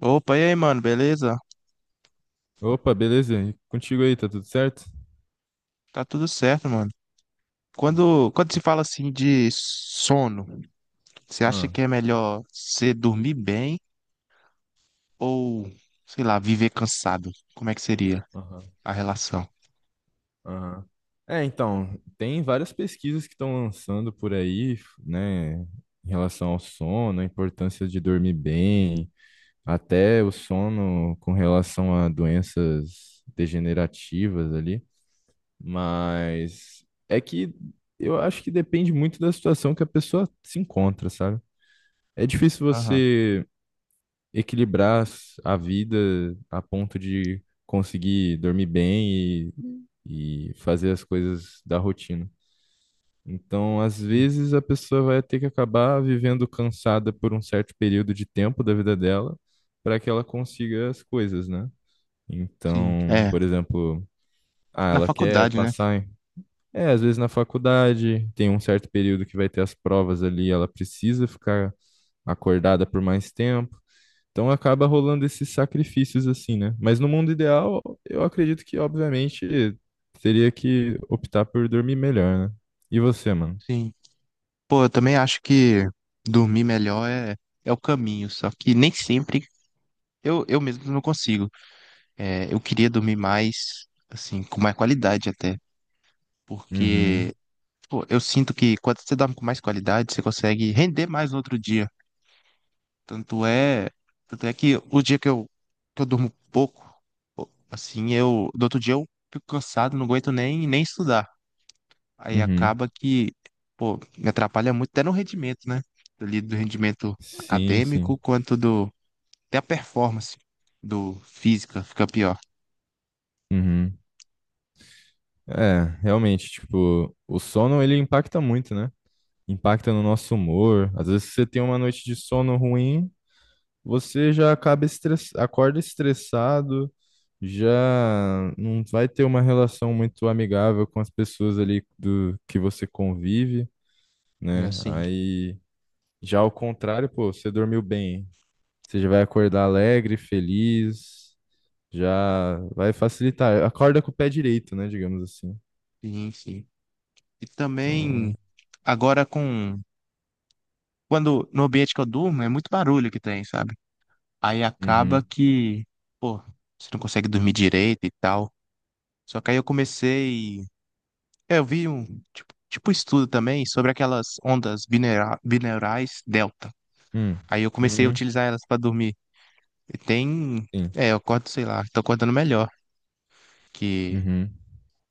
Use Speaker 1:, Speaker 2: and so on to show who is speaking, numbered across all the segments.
Speaker 1: Opa, e aí, mano, beleza?
Speaker 2: Opa, beleza? E contigo aí, tá tudo certo?
Speaker 1: Tá tudo certo, mano. Quando se fala assim de sono, você acha
Speaker 2: Ah,
Speaker 1: que é melhor você dormir bem ou, sei lá, viver cansado? Como é que seria
Speaker 2: aham,
Speaker 1: a relação?
Speaker 2: aham. É, então, tem várias pesquisas que estão lançando por aí, né, em relação ao sono, a importância de dormir bem, até o sono com relação a doenças degenerativas ali, mas é que eu acho que depende muito da situação que a pessoa se encontra, sabe? É difícil
Speaker 1: Aham,
Speaker 2: você equilibrar a vida a ponto de conseguir dormir bem e fazer as coisas da rotina. Então, às
Speaker 1: sim,
Speaker 2: vezes, a pessoa vai ter que acabar vivendo cansada por um certo período de tempo da vida dela para que ela consiga as coisas, né?
Speaker 1: sim.
Speaker 2: Então,
Speaker 1: É,
Speaker 2: por exemplo,
Speaker 1: na
Speaker 2: ela quer
Speaker 1: faculdade, né?
Speaker 2: passar É, às vezes na faculdade tem um certo período que vai ter as provas ali, ela precisa ficar acordada por mais tempo. Então acaba rolando esses sacrifícios assim, né? Mas no mundo ideal, eu acredito que, obviamente, teria que optar por dormir melhor, né? E você, mano?
Speaker 1: Sim. Pô, eu também acho que dormir melhor é o caminho, só que nem sempre eu mesmo não consigo. É, eu queria dormir mais, assim, com mais qualidade até, porque
Speaker 2: Uhum,
Speaker 1: pô, eu sinto que quando você dorme com mais qualidade, você consegue render mais no outro dia. Tanto é, tanto é que o dia que eu durmo pouco, pô, assim, eu, do outro dia eu fico cansado, não aguento nem estudar. Aí
Speaker 2: uhum.
Speaker 1: acaba que, pô, me atrapalha muito até no rendimento, né? Ali do rendimento
Speaker 2: Sim, sim.
Speaker 1: acadêmico, quanto do, até a performance do física fica pior.
Speaker 2: Uhum. É, realmente, tipo, o sono ele impacta muito, né? Impacta no nosso humor. Às vezes você tem uma noite de sono ruim, você já acorda estressado. Já não vai ter uma relação muito amigável com as pessoas ali do que você convive,
Speaker 1: É
Speaker 2: né?
Speaker 1: assim,
Speaker 2: Aí já ao contrário, pô, você dormiu bem, você já vai acordar alegre, feliz, já vai facilitar. Acorda com o pé direito, né, digamos assim.
Speaker 1: sim, sim. E
Speaker 2: Então,
Speaker 1: também, agora com, no ambiente que eu durmo, é muito barulho que tem, sabe? Aí acaba
Speaker 2: uhum,
Speaker 1: que, pô, você não consegue dormir direito e tal. Só que aí eu comecei. Eu vi um tipo um estudo também sobre aquelas ondas binaurais delta.
Speaker 2: hum,
Speaker 1: Aí eu comecei a
Speaker 2: uhum,
Speaker 1: utilizar elas pra dormir. E tem.
Speaker 2: sim,
Speaker 1: É, eu acordo, sei lá, tô acordando melhor. Que,
Speaker 2: uhum,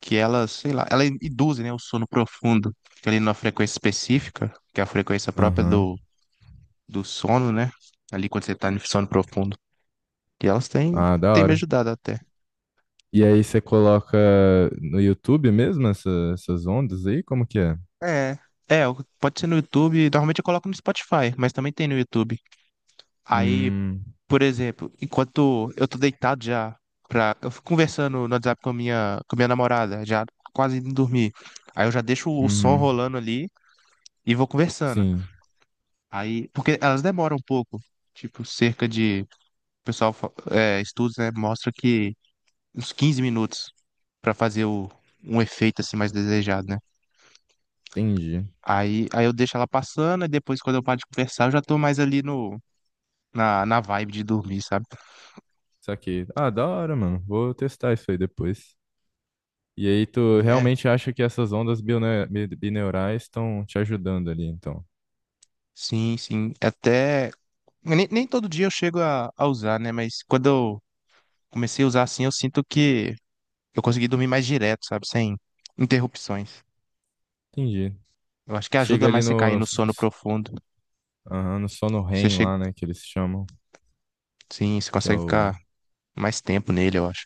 Speaker 1: que elas, sei lá, elas induzem, né, o sono profundo. Que Ali numa frequência específica, que é a frequência própria
Speaker 2: aham.
Speaker 1: do, do sono, né? Ali quando você tá no sono profundo. E elas têm,
Speaker 2: Ah, da
Speaker 1: têm me
Speaker 2: hora.
Speaker 1: ajudado até.
Speaker 2: E aí você coloca no YouTube mesmo essas ondas aí? Como que é?
Speaker 1: É. É, pode ser no YouTube, normalmente eu coloco no Spotify, mas também tem no YouTube. Aí,
Speaker 2: Hum,
Speaker 1: por exemplo, enquanto eu tô deitado já, eu fico conversando no WhatsApp com a minha namorada, já quase indo dormir. Aí eu já deixo o som
Speaker 2: uhum.
Speaker 1: rolando ali e vou conversando.
Speaker 2: Sim,
Speaker 1: Aí, porque elas demoram um pouco, tipo, cerca de, o pessoal, estudos, né, mostra que uns 15 minutos pra fazer um efeito assim mais desejado, né?
Speaker 2: entendi.
Speaker 1: Aí, eu deixo ela passando e depois quando eu paro de conversar, eu já tô mais ali no na, na vibe de dormir, sabe?
Speaker 2: Saquei. Ah, da hora, mano. Vou testar isso aí depois. E aí, tu
Speaker 1: Sim, é,
Speaker 2: realmente acha que essas ondas bineurais estão te ajudando ali, então?
Speaker 1: sim, sim. Até. Nem todo dia eu chego a usar, né? Mas quando eu comecei a usar assim, eu sinto que eu consegui dormir mais direto, sabe? Sem interrupções.
Speaker 2: Entendi.
Speaker 1: Eu acho que ajuda
Speaker 2: Chega ali
Speaker 1: mais você cair
Speaker 2: no,
Speaker 1: no sono profundo.
Speaker 2: aham, no sono
Speaker 1: Você
Speaker 2: REM
Speaker 1: chega.
Speaker 2: lá, né, que eles chamam,
Speaker 1: Sim, você
Speaker 2: que é
Speaker 1: consegue ficar
Speaker 2: o.
Speaker 1: mais tempo nele, eu acho.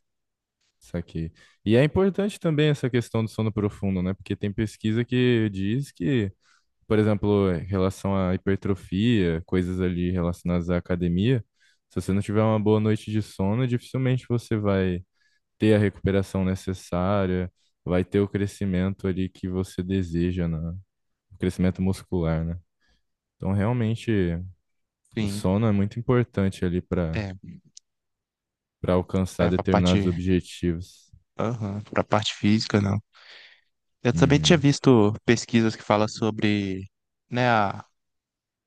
Speaker 2: Saquei. E é importante também essa questão do sono profundo, né? Porque tem pesquisa que diz que, por exemplo, em relação à hipertrofia, coisas ali relacionadas à academia, se você não tiver uma boa noite de sono, dificilmente você vai ter a recuperação necessária, vai ter o crescimento ali que você deseja, né? O crescimento muscular, né? Então, realmente, o
Speaker 1: Sim.
Speaker 2: sono é muito importante ali para
Speaker 1: É,
Speaker 2: para alcançar
Speaker 1: é pra
Speaker 2: determinados
Speaker 1: parte.
Speaker 2: objetivos.
Speaker 1: Aham, pra parte física, não. Eu também tinha
Speaker 2: Uhum.
Speaker 1: visto pesquisas que falam sobre, né,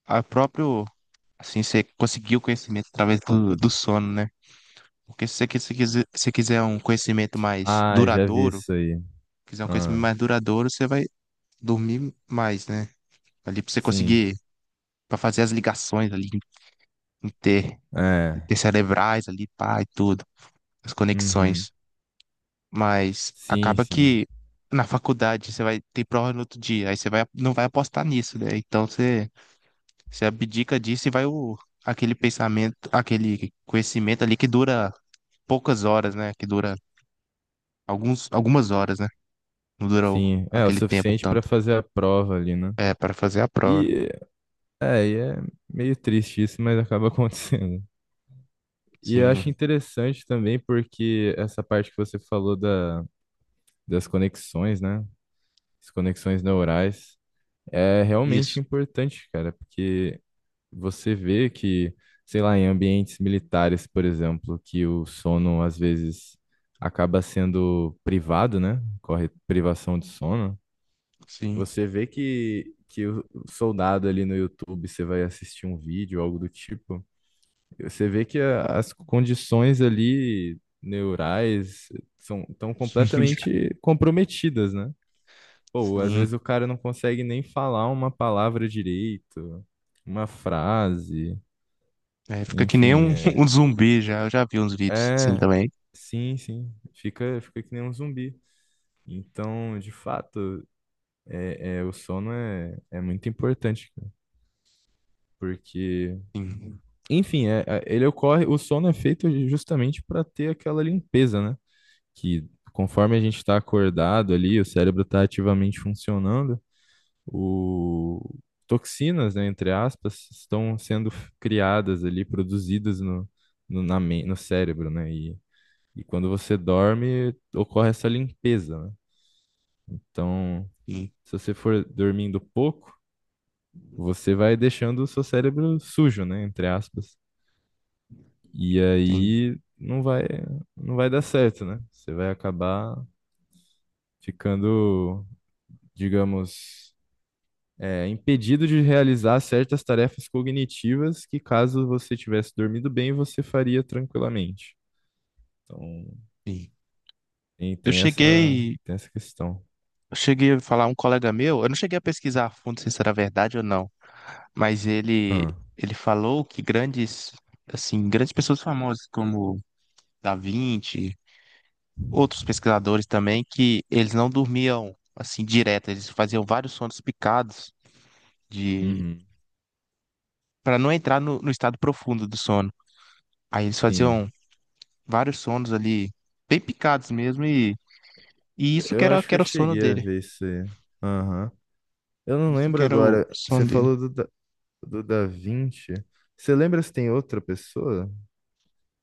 Speaker 1: a próprio. Assim você conseguiu o conhecimento através do, do sono, né? Porque se quiser um conhecimento mais
Speaker 2: Ah, já vi
Speaker 1: duradouro,
Speaker 2: isso aí. Ah,
Speaker 1: você vai dormir mais, né? Ali pra você
Speaker 2: sim.
Speaker 1: conseguir, pra fazer as ligações ali, inter,
Speaker 2: É.
Speaker 1: intercerebrais ali, pá, e tudo, as
Speaker 2: Uhum.
Speaker 1: conexões. Mas
Speaker 2: Sim,
Speaker 1: acaba
Speaker 2: sim.
Speaker 1: que na faculdade você vai ter prova no outro dia, não vai apostar nisso, né? Então você abdica disso e aquele pensamento, aquele conhecimento ali que dura poucas horas, né? Que dura algumas horas, né? Não durou
Speaker 2: Sim. É o
Speaker 1: aquele tempo
Speaker 2: suficiente para
Speaker 1: tanto.
Speaker 2: fazer a prova ali, né?
Speaker 1: É, para fazer a prova.
Speaker 2: E é meio triste isso, mas acaba acontecendo. E eu acho
Speaker 1: Sim,
Speaker 2: interessante também porque essa parte que você falou das conexões, né? As conexões neurais é realmente
Speaker 1: isso.
Speaker 2: importante, cara, porque você vê que, sei lá, em ambientes militares, por exemplo, que o sono às vezes acaba sendo privado, né? Corre privação de sono.
Speaker 1: Sim.
Speaker 2: Você vê que o soldado ali no YouTube, você vai assistir um vídeo, algo do tipo. Você vê que as condições ali neurais são tão completamente comprometidas, né? Pô, às
Speaker 1: Sim.
Speaker 2: vezes o cara não consegue nem falar uma palavra direito, uma frase,
Speaker 1: É, fica que nem
Speaker 2: enfim,
Speaker 1: um, um zumbi já. Eu já vi uns vídeos assim
Speaker 2: é
Speaker 1: também.
Speaker 2: sim, sim, fica, fica que nem um zumbi. Então, de fato, o sono é muito importante, cara, porque,
Speaker 1: Sim,
Speaker 2: enfim, ele ocorre, o sono é feito justamente para ter aquela limpeza, né? Que conforme a gente está acordado ali, o cérebro está ativamente funcionando, o... toxinas, né, entre aspas, estão sendo criadas ali, produzidas no cérebro, né? E quando você dorme, ocorre essa limpeza, né? Então,
Speaker 1: sim,
Speaker 2: se você for dormindo pouco, você vai deixando o seu cérebro sujo, né, entre aspas. E
Speaker 1: sim,
Speaker 2: aí não vai dar certo, né? Você vai acabar ficando, digamos, impedido de realizar certas tarefas cognitivas que, caso você tivesse dormido bem, você faria tranquilamente. Então,
Speaker 1: sim. Eu cheguei.
Speaker 2: tem essa questão.
Speaker 1: Eu cheguei a falar um colega meu, eu não cheguei a pesquisar a fundo se isso era verdade ou não, mas ele
Speaker 2: Ah,
Speaker 1: ele falou que grandes pessoas famosas como Da Vinci, outros pesquisadores também que eles não dormiam assim direto, eles faziam vários sonos picados de
Speaker 2: uhum.
Speaker 1: para não entrar no estado profundo do sono. Aí eles
Speaker 2: Sim.
Speaker 1: faziam vários sonos ali bem picados mesmo e isso que
Speaker 2: Eu
Speaker 1: era,
Speaker 2: acho
Speaker 1: que
Speaker 2: que eu
Speaker 1: era o sono
Speaker 2: cheguei a
Speaker 1: dele.
Speaker 2: ver isso aí. Aham. Eu não
Speaker 1: Isso que
Speaker 2: lembro
Speaker 1: era o
Speaker 2: agora. Você
Speaker 1: sono dele.
Speaker 2: falou do do Da Vinci. Você lembra se tem outra pessoa?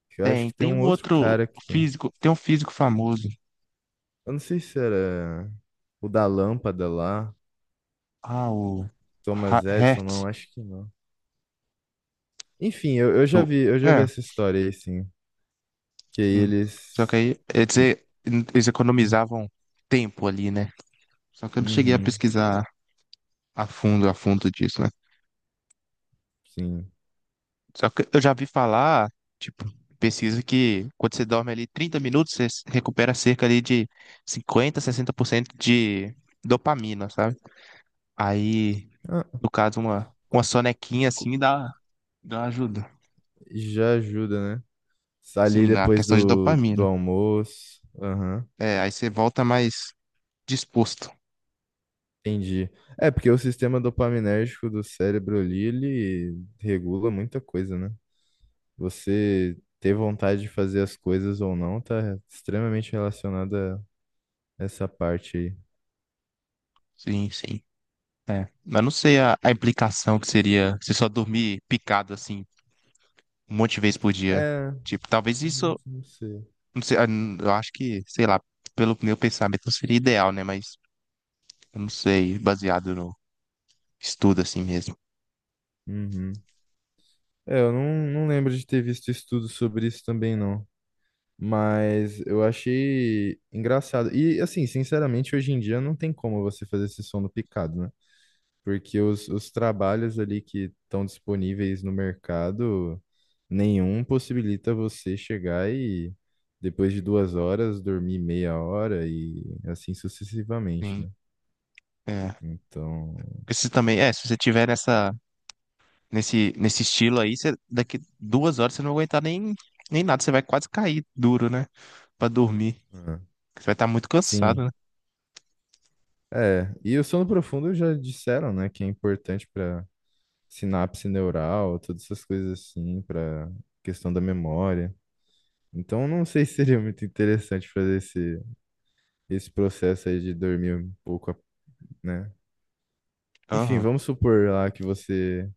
Speaker 2: Que eu acho
Speaker 1: Tem,
Speaker 2: que tem
Speaker 1: tem
Speaker 2: um
Speaker 1: um
Speaker 2: outro
Speaker 1: outro
Speaker 2: cara que tem.
Speaker 1: físico, tem um físico famoso,
Speaker 2: Eu não sei se era o da lâmpada lá,
Speaker 1: ah, o
Speaker 2: Thomas Edison,
Speaker 1: Hertz
Speaker 2: não, acho que não. Enfim, eu já
Speaker 1: do
Speaker 2: vi, eu já vi
Speaker 1: é,
Speaker 2: essa história aí, sim. Que aí
Speaker 1: sim. Só que
Speaker 2: eles.
Speaker 1: aí, quer dizer, eles economizavam tempo ali, né? Só que eu não cheguei a
Speaker 2: Uhum,
Speaker 1: pesquisar a fundo disso, né?
Speaker 2: sim.
Speaker 1: Só que eu já vi falar, tipo, pesquisa que quando você dorme ali 30 minutos, você se recupera cerca ali de 50 60% de dopamina, sabe? Aí,
Speaker 2: Ah,
Speaker 1: no caso, uma,
Speaker 2: co-
Speaker 1: uma sonequinha
Speaker 2: co-
Speaker 1: assim dá ajuda.
Speaker 2: já ajuda, né? Ali
Speaker 1: Sim, na
Speaker 2: depois
Speaker 1: questão de
Speaker 2: do
Speaker 1: dopamina.
Speaker 2: almoço. Aham,
Speaker 1: É, aí você volta mais disposto.
Speaker 2: entendi. É, porque o sistema dopaminérgico do cérebro ali, ele regula muita coisa, né? Você ter vontade de fazer as coisas ou não tá extremamente relacionada a essa parte aí.
Speaker 1: Sim, sim. É. Mas não sei a implicação que seria você só dormir picado assim um monte de vez por dia.
Speaker 2: É,
Speaker 1: Tipo, talvez
Speaker 2: não
Speaker 1: isso.
Speaker 2: não sei.
Speaker 1: Não sei, ah, n- Eu acho que, sei lá, pelo meu pensamento não seria ideal, né? Mas eu não sei, baseado no estudo assim mesmo.
Speaker 2: Uhum. É, eu não, não lembro de ter visto estudo sobre isso também, não. Mas eu achei engraçado. E, assim, sinceramente, hoje em dia não tem como você fazer esse som no picado, né? Porque os trabalhos ali que estão disponíveis no mercado, nenhum possibilita você chegar e, depois de 2 horas, dormir 1/2 hora e assim sucessivamente,
Speaker 1: Sim.
Speaker 2: né?
Speaker 1: É.
Speaker 2: Então,
Speaker 1: Esse também, é, se você tiver nesse estilo aí, você, daqui 2 horas você não vai aguentar nem nada, você vai quase cair duro, né? Pra dormir.
Speaker 2: ah,
Speaker 1: Você vai estar muito cansado,
Speaker 2: sim.
Speaker 1: né?
Speaker 2: É, e o sono profundo já disseram, né, que é importante para sinapse neural, todas essas coisas assim, para questão da memória. Então, não sei se seria muito interessante fazer esse processo aí de dormir um pouco, né? Enfim,
Speaker 1: Aham.
Speaker 2: vamos supor lá que você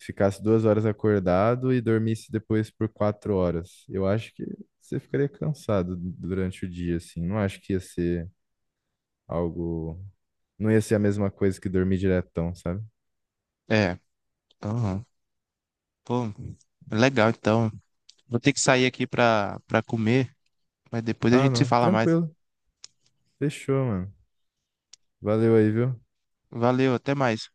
Speaker 2: ficasse 2 horas acordado e dormisse depois por 4 horas. Eu acho que você ficaria cansado durante o dia, assim. Não acho que ia ser algo. Não ia ser a mesma coisa que dormir diretão, sabe?
Speaker 1: É. Aham. Pô, legal, então. Vou ter que sair aqui pra comer, mas depois a
Speaker 2: Ah,
Speaker 1: gente se
Speaker 2: não.
Speaker 1: fala mais.
Speaker 2: Tranquilo. Fechou, mano. Valeu aí, viu?
Speaker 1: Valeu, até mais.